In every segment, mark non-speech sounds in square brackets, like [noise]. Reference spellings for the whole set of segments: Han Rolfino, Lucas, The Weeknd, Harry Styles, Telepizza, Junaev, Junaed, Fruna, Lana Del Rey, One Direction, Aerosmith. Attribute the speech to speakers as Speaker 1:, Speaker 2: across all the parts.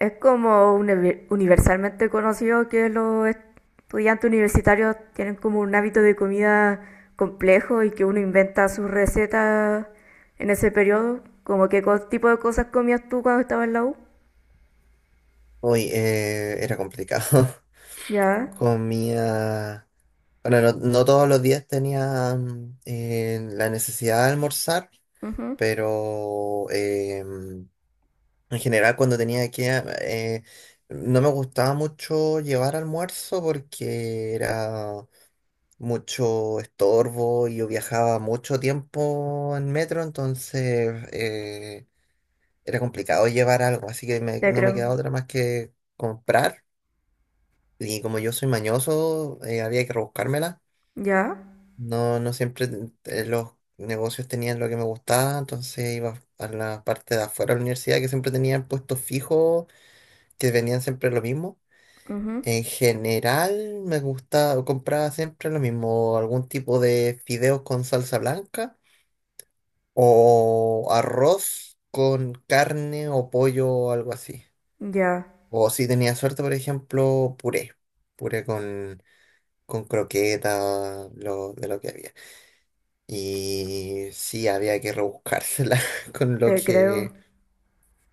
Speaker 1: Es como universalmente conocido que los estudiantes universitarios tienen como un hábito de comida complejo y que uno inventa sus recetas en ese periodo. Como que tipo de cosas comías tú cuando estabas en la U.
Speaker 2: Uy, era complicado. [laughs]
Speaker 1: Ya.
Speaker 2: Comía, bueno, no todos los días tenía la necesidad de almorzar,
Speaker 1: Ujú.
Speaker 2: pero en general cuando tenía que, no me gustaba mucho llevar almuerzo porque era mucho estorbo y yo viajaba mucho tiempo en metro. Entonces era complicado llevar algo, así que
Speaker 1: Te
Speaker 2: no me
Speaker 1: creo.
Speaker 2: quedaba otra más que comprar. Y como yo soy mañoso, había que rebuscármela.
Speaker 1: Ya.
Speaker 2: No, no siempre los negocios tenían lo que me gustaba, entonces iba a la parte de afuera de la universidad, que siempre tenían puestos fijos, que vendían siempre lo mismo.
Speaker 1: Ujú.
Speaker 2: En general me gustaba, compraba siempre lo mismo, algún tipo de fideos con salsa blanca o arroz con carne o pollo o algo así.
Speaker 1: Ya.
Speaker 2: O si tenía suerte, por ejemplo, puré. Puré con croquetas, de lo que había. Y sí, había que rebuscársela [laughs] con lo
Speaker 1: Te
Speaker 2: que,
Speaker 1: creo.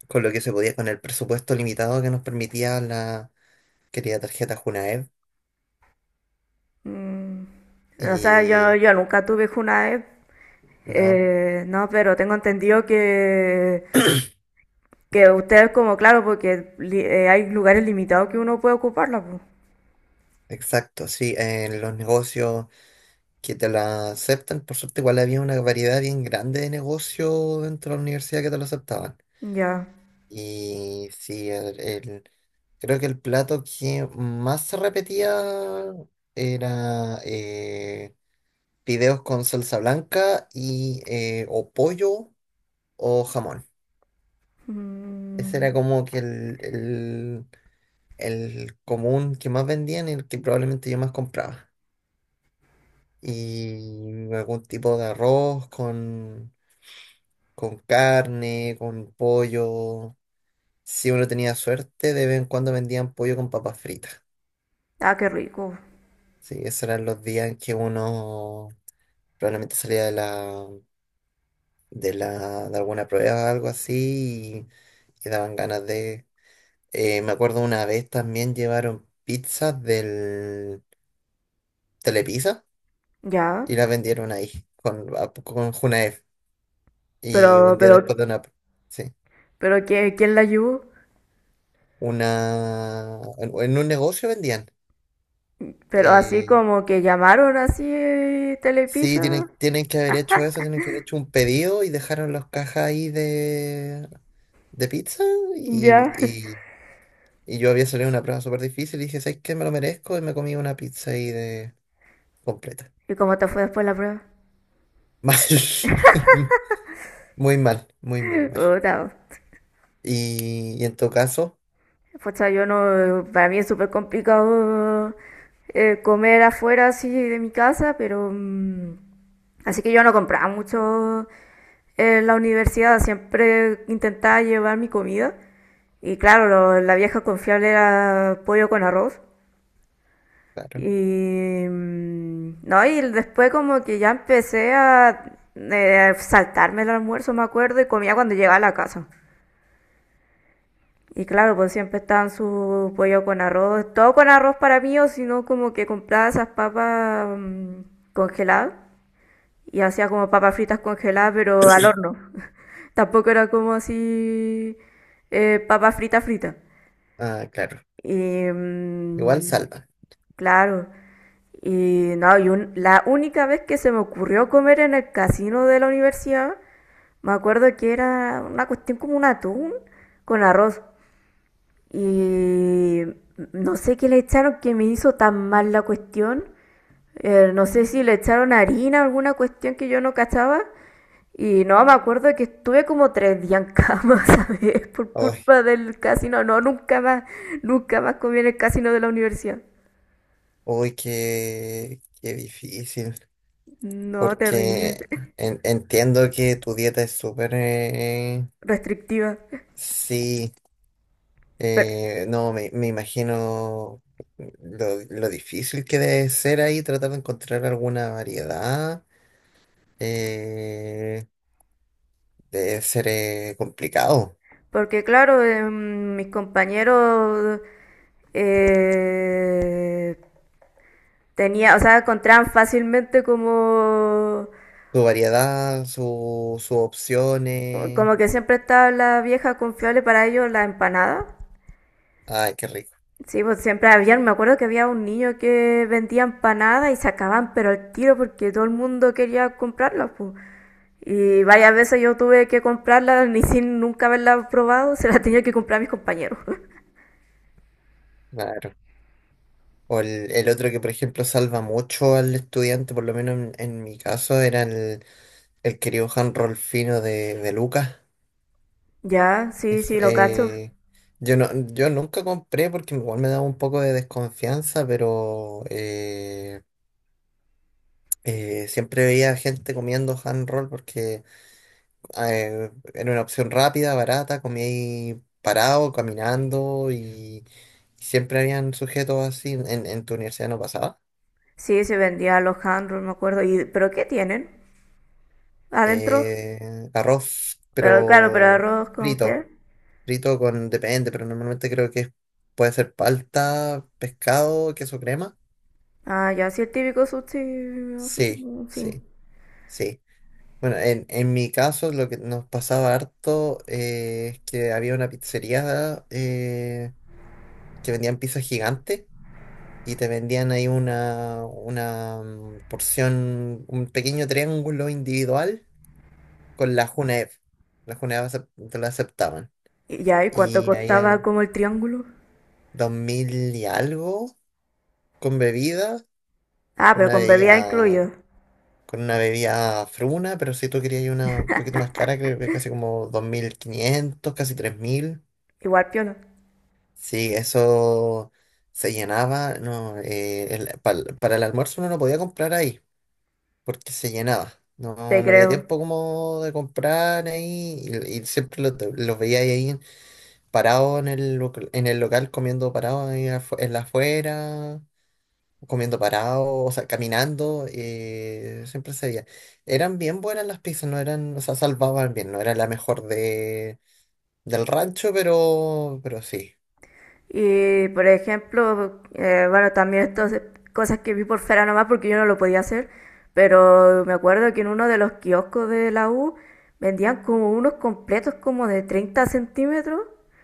Speaker 2: con lo que se podía, con el presupuesto limitado que nos permitía la querida tarjeta Junaed.
Speaker 1: Mm. O sea, yo,
Speaker 2: Y
Speaker 1: yo nunca tuve Junae.
Speaker 2: no,
Speaker 1: No, pero tengo entendido que ustedes, como, claro, porque hay lugares limitados que uno puede ocuparla, pues.
Speaker 2: exacto, sí, en los negocios que te la aceptan. Por suerte igual había una variedad bien grande de negocios dentro de la universidad que te lo aceptaban.
Speaker 1: Ya.
Speaker 2: Y sí, creo que el plato que más se repetía era fideos con salsa blanca y, o pollo o jamón. Ese
Speaker 1: Mm.
Speaker 2: era como que el común que más vendían y el que probablemente yo más compraba. Y algún tipo de arroz con carne, con pollo. Si uno tenía suerte, de vez en cuando vendían pollo con papas fritas.
Speaker 1: Ah, qué rico.
Speaker 2: Sí, esos eran los días en que uno probablemente salía de la, de alguna prueba o algo así, y daban ganas de. Me acuerdo una vez también llevaron pizzas del Telepizza
Speaker 1: Ya.
Speaker 2: y las vendieron ahí con Junaed. Y
Speaker 1: Pero,
Speaker 2: un día
Speaker 1: pero,
Speaker 2: después de una. Sí,
Speaker 1: pero ¿quién la ayudó?
Speaker 2: una. En un negocio vendían.
Speaker 1: Pero así
Speaker 2: Eh,
Speaker 1: como que llamaron así,
Speaker 2: sí,
Speaker 1: Telepizza.
Speaker 2: tienen que haber hecho eso, tienen que haber hecho un pedido y dejaron las cajas ahí de pizza, y,
Speaker 1: Ya.
Speaker 2: y, y yo había salido una prueba súper difícil y dije, ¿sabes qué? Me lo merezco. Y me comí una pizza ahí de completa.
Speaker 1: [laughs] ¿Y cómo te fue después la prueba?
Speaker 2: [laughs] Mal. Muy mal, muy, muy
Speaker 1: [laughs]
Speaker 2: mal.
Speaker 1: Puta.
Speaker 2: Y en tu caso,
Speaker 1: Pucha, yo no, para mí es súper complicado comer afuera así de mi casa, pero así que yo no compraba mucho en la universidad, siempre intentaba llevar mi comida y claro, la vieja confiable era pollo con arroz
Speaker 2: claro.
Speaker 1: y no, y después como que ya empecé a saltarme el almuerzo, me acuerdo, y comía cuando llegaba a la casa. Y claro, pues siempre estaban su pollo con arroz, todo con arroz para mí, o si no, como que compraba esas papas congeladas y hacía como papas fritas congeladas, pero al horno. [laughs] Tampoco era como así, papas fritas fritas.
Speaker 2: Ah, claro.
Speaker 1: Y
Speaker 2: Igual salva.
Speaker 1: claro, y no, y la única vez que se me ocurrió comer en el casino de la universidad, me acuerdo que era una cuestión como un atún con arroz. Y no sé qué le echaron que me hizo tan mal la cuestión. No sé si le echaron harina, alguna cuestión que yo no cachaba. Y no, me acuerdo que estuve como tres días en cama, [laughs] ¿sabes? Por
Speaker 2: Uy,
Speaker 1: culpa del casino. No, nunca más, nunca más comí en el casino de la universidad.
Speaker 2: uy, qué difícil.
Speaker 1: No, terrible.
Speaker 2: Porque
Speaker 1: [laughs]
Speaker 2: entiendo que tu dieta es súper.
Speaker 1: Restrictiva.
Speaker 2: Sí.
Speaker 1: Pero-
Speaker 2: No, me imagino lo difícil que debe ser ahí tratar de encontrar alguna variedad. eh, Debe ser complicado.
Speaker 1: porque claro, mis compañeros eh, tenía, o sea, encontraban fácilmente como.
Speaker 2: Su variedad, sus opciones.
Speaker 1: Como que siempre estaba la vieja confiable para ellos, la empanada.
Speaker 2: Ay, qué rico.
Speaker 1: Sí, pues siempre había, me acuerdo que había un niño que vendía empanadas y se acababan, pero al tiro porque todo el mundo quería comprarlas, pues. Y varias veces yo tuve que comprarlas ni sin nunca haberlas probado, se las tenía que comprar a mis compañeros. [laughs]
Speaker 2: Claro. O el otro que, por ejemplo, salva mucho al estudiante, por lo menos en mi caso, era el querido Han Rolfino de Lucas.
Speaker 1: Ya, sí,
Speaker 2: Es,
Speaker 1: sí, lo cacho.
Speaker 2: eh, yo, no, yo nunca compré porque igual me daba un poco de desconfianza, pero siempre veía gente comiendo hand roll porque era una opción rápida, barata, comía ahí parado, caminando, y siempre habían sujetos así. ¿En tu universidad no pasaba?
Speaker 1: Sí, se vendía los handros, me acuerdo. ¿Y, pero qué tienen? ¿Adentro?
Speaker 2: Arroz,
Speaker 1: Pero claro, ¿pero
Speaker 2: pero
Speaker 1: arroz con qué?
Speaker 2: frito. Frito con, depende, pero normalmente creo que puede ser palta, pescado, queso crema.
Speaker 1: Ah, ya, sí, el típico sushi, así
Speaker 2: Sí,
Speaker 1: como, sí.
Speaker 2: sí, sí. Bueno, en mi caso lo que nos pasaba harto es que había una pizzería que vendían pizza gigante, y te vendían ahí una porción, un pequeño triángulo individual con la Junaev. La Junaev te la aceptaban.
Speaker 1: Y ya, ¿y cuánto
Speaker 2: Y ahí,
Speaker 1: costaba como el triángulo?
Speaker 2: 2.000 y algo con bebida,
Speaker 1: Ah,
Speaker 2: con
Speaker 1: pero
Speaker 2: una
Speaker 1: con bebida
Speaker 2: bebida,
Speaker 1: incluido.
Speaker 2: con una bebida fruna, pero si tú querías una un poquito más cara, creo que casi como 2.500, casi 3.000.
Speaker 1: Igual piola.
Speaker 2: Sí, eso se llenaba, no, para el almuerzo uno no podía comprar ahí porque se llenaba. No,
Speaker 1: Te
Speaker 2: no había
Speaker 1: creo.
Speaker 2: tiempo como de comprar ahí, y siempre los veía ahí parados en en el local, comiendo parados ahí en la afuera, comiendo parado, o sea, caminando, siempre se veía. Eran bien buenas las pizzas. No eran, o sea, salvaban bien, no era la mejor del rancho, pero sí,
Speaker 1: Y por ejemplo, bueno, también estas cosas que vi por fuera nomás porque yo no lo podía hacer, pero me acuerdo que en uno de los kioscos de la U vendían como unos completos como de 30 centímetros.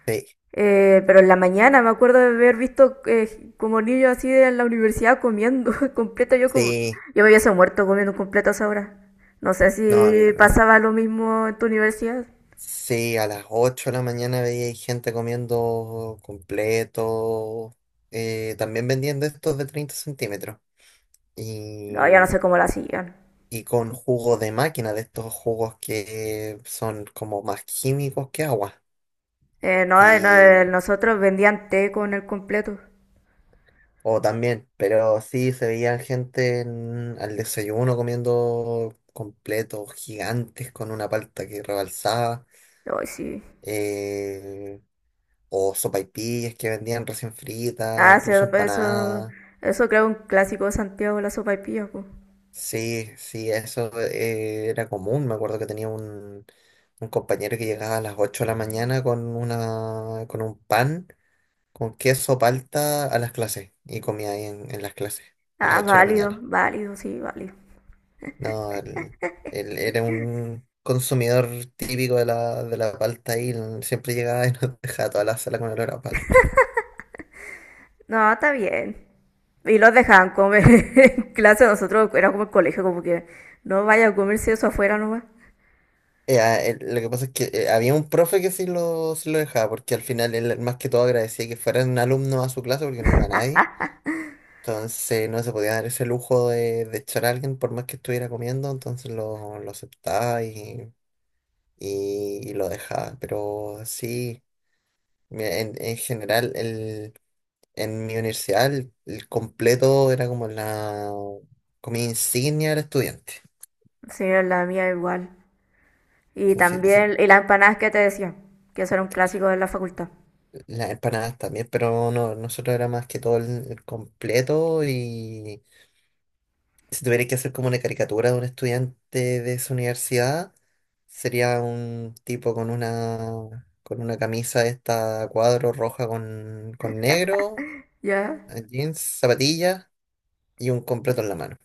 Speaker 2: sí,
Speaker 1: Pero en la mañana me acuerdo de haber visto, como niños así en la universidad comiendo [laughs] completo. Yo como,
Speaker 2: sí,
Speaker 1: yo me hubiese muerto comiendo completo a esa hora. No sé
Speaker 2: no, a mí
Speaker 1: si
Speaker 2: también.
Speaker 1: pasaba lo mismo en tu universidad.
Speaker 2: Sí, a las 8 de la mañana veía ahí gente comiendo completo, también vendiendo estos de 30 centímetros,
Speaker 1: No, yo no
Speaker 2: y,
Speaker 1: sé cómo la hacían.
Speaker 2: y con jugo de máquina, de estos jugos que son como más químicos que agua.
Speaker 1: No, no, nosotros vendían té con el completo.
Speaker 2: O también, pero sí se veía gente al desayuno comiendo completos gigantes con una palta que rebalsaba,
Speaker 1: Ay, sí.
Speaker 2: eh, o sopaipillas que vendían recién fritas,
Speaker 1: Ah, sí,
Speaker 2: incluso
Speaker 1: pues eso,
Speaker 2: empanadas.
Speaker 1: eso creo un clásico de Santiago, la sopa y pues.
Speaker 2: Sí, sí, eso era común. Me acuerdo que tenía un compañero que llegaba a las 8 de la mañana con una, con un pan con queso palta a las clases, y comía ahí en las clases a las
Speaker 1: Ah,
Speaker 2: 8 de la
Speaker 1: válido,
Speaker 2: mañana.
Speaker 1: válido, sí, válido.
Speaker 2: No, él era un consumidor típico de la palta, y él siempre llegaba y nos [laughs] dejaba toda la sala con olor a palta.
Speaker 1: No, está bien. Y los dejaban comer [laughs] en clase. Nosotros era como el colegio, como que no vaya a comerse eso afuera nomás.
Speaker 2: Lo que pasa es que había un profe que sí lo dejaba, porque al final él más que todo agradecía que fueran alumnos a su clase porque no iba nadie. Entonces no se podía dar ese lujo de echar a alguien por más que estuviera comiendo, entonces lo aceptaba y lo dejaba. Pero sí, mira, en general, en mi universidad el completo era como la comida insignia del estudiante.
Speaker 1: Sí, la mía igual.
Speaker 2: O
Speaker 1: Y
Speaker 2: sea, sí,
Speaker 1: también, y las empanadas que te decía, que eso era un clásico de la facultad.
Speaker 2: las empanadas también, pero no, nosotros era más que todo el completo. Y si tuvierais que hacer como una caricatura de un estudiante de esa universidad, sería un tipo con una, con una camisa de esta a cuadro, roja con negro,
Speaker 1: ¿Ya?
Speaker 2: jeans, zapatillas y un completo en la mano.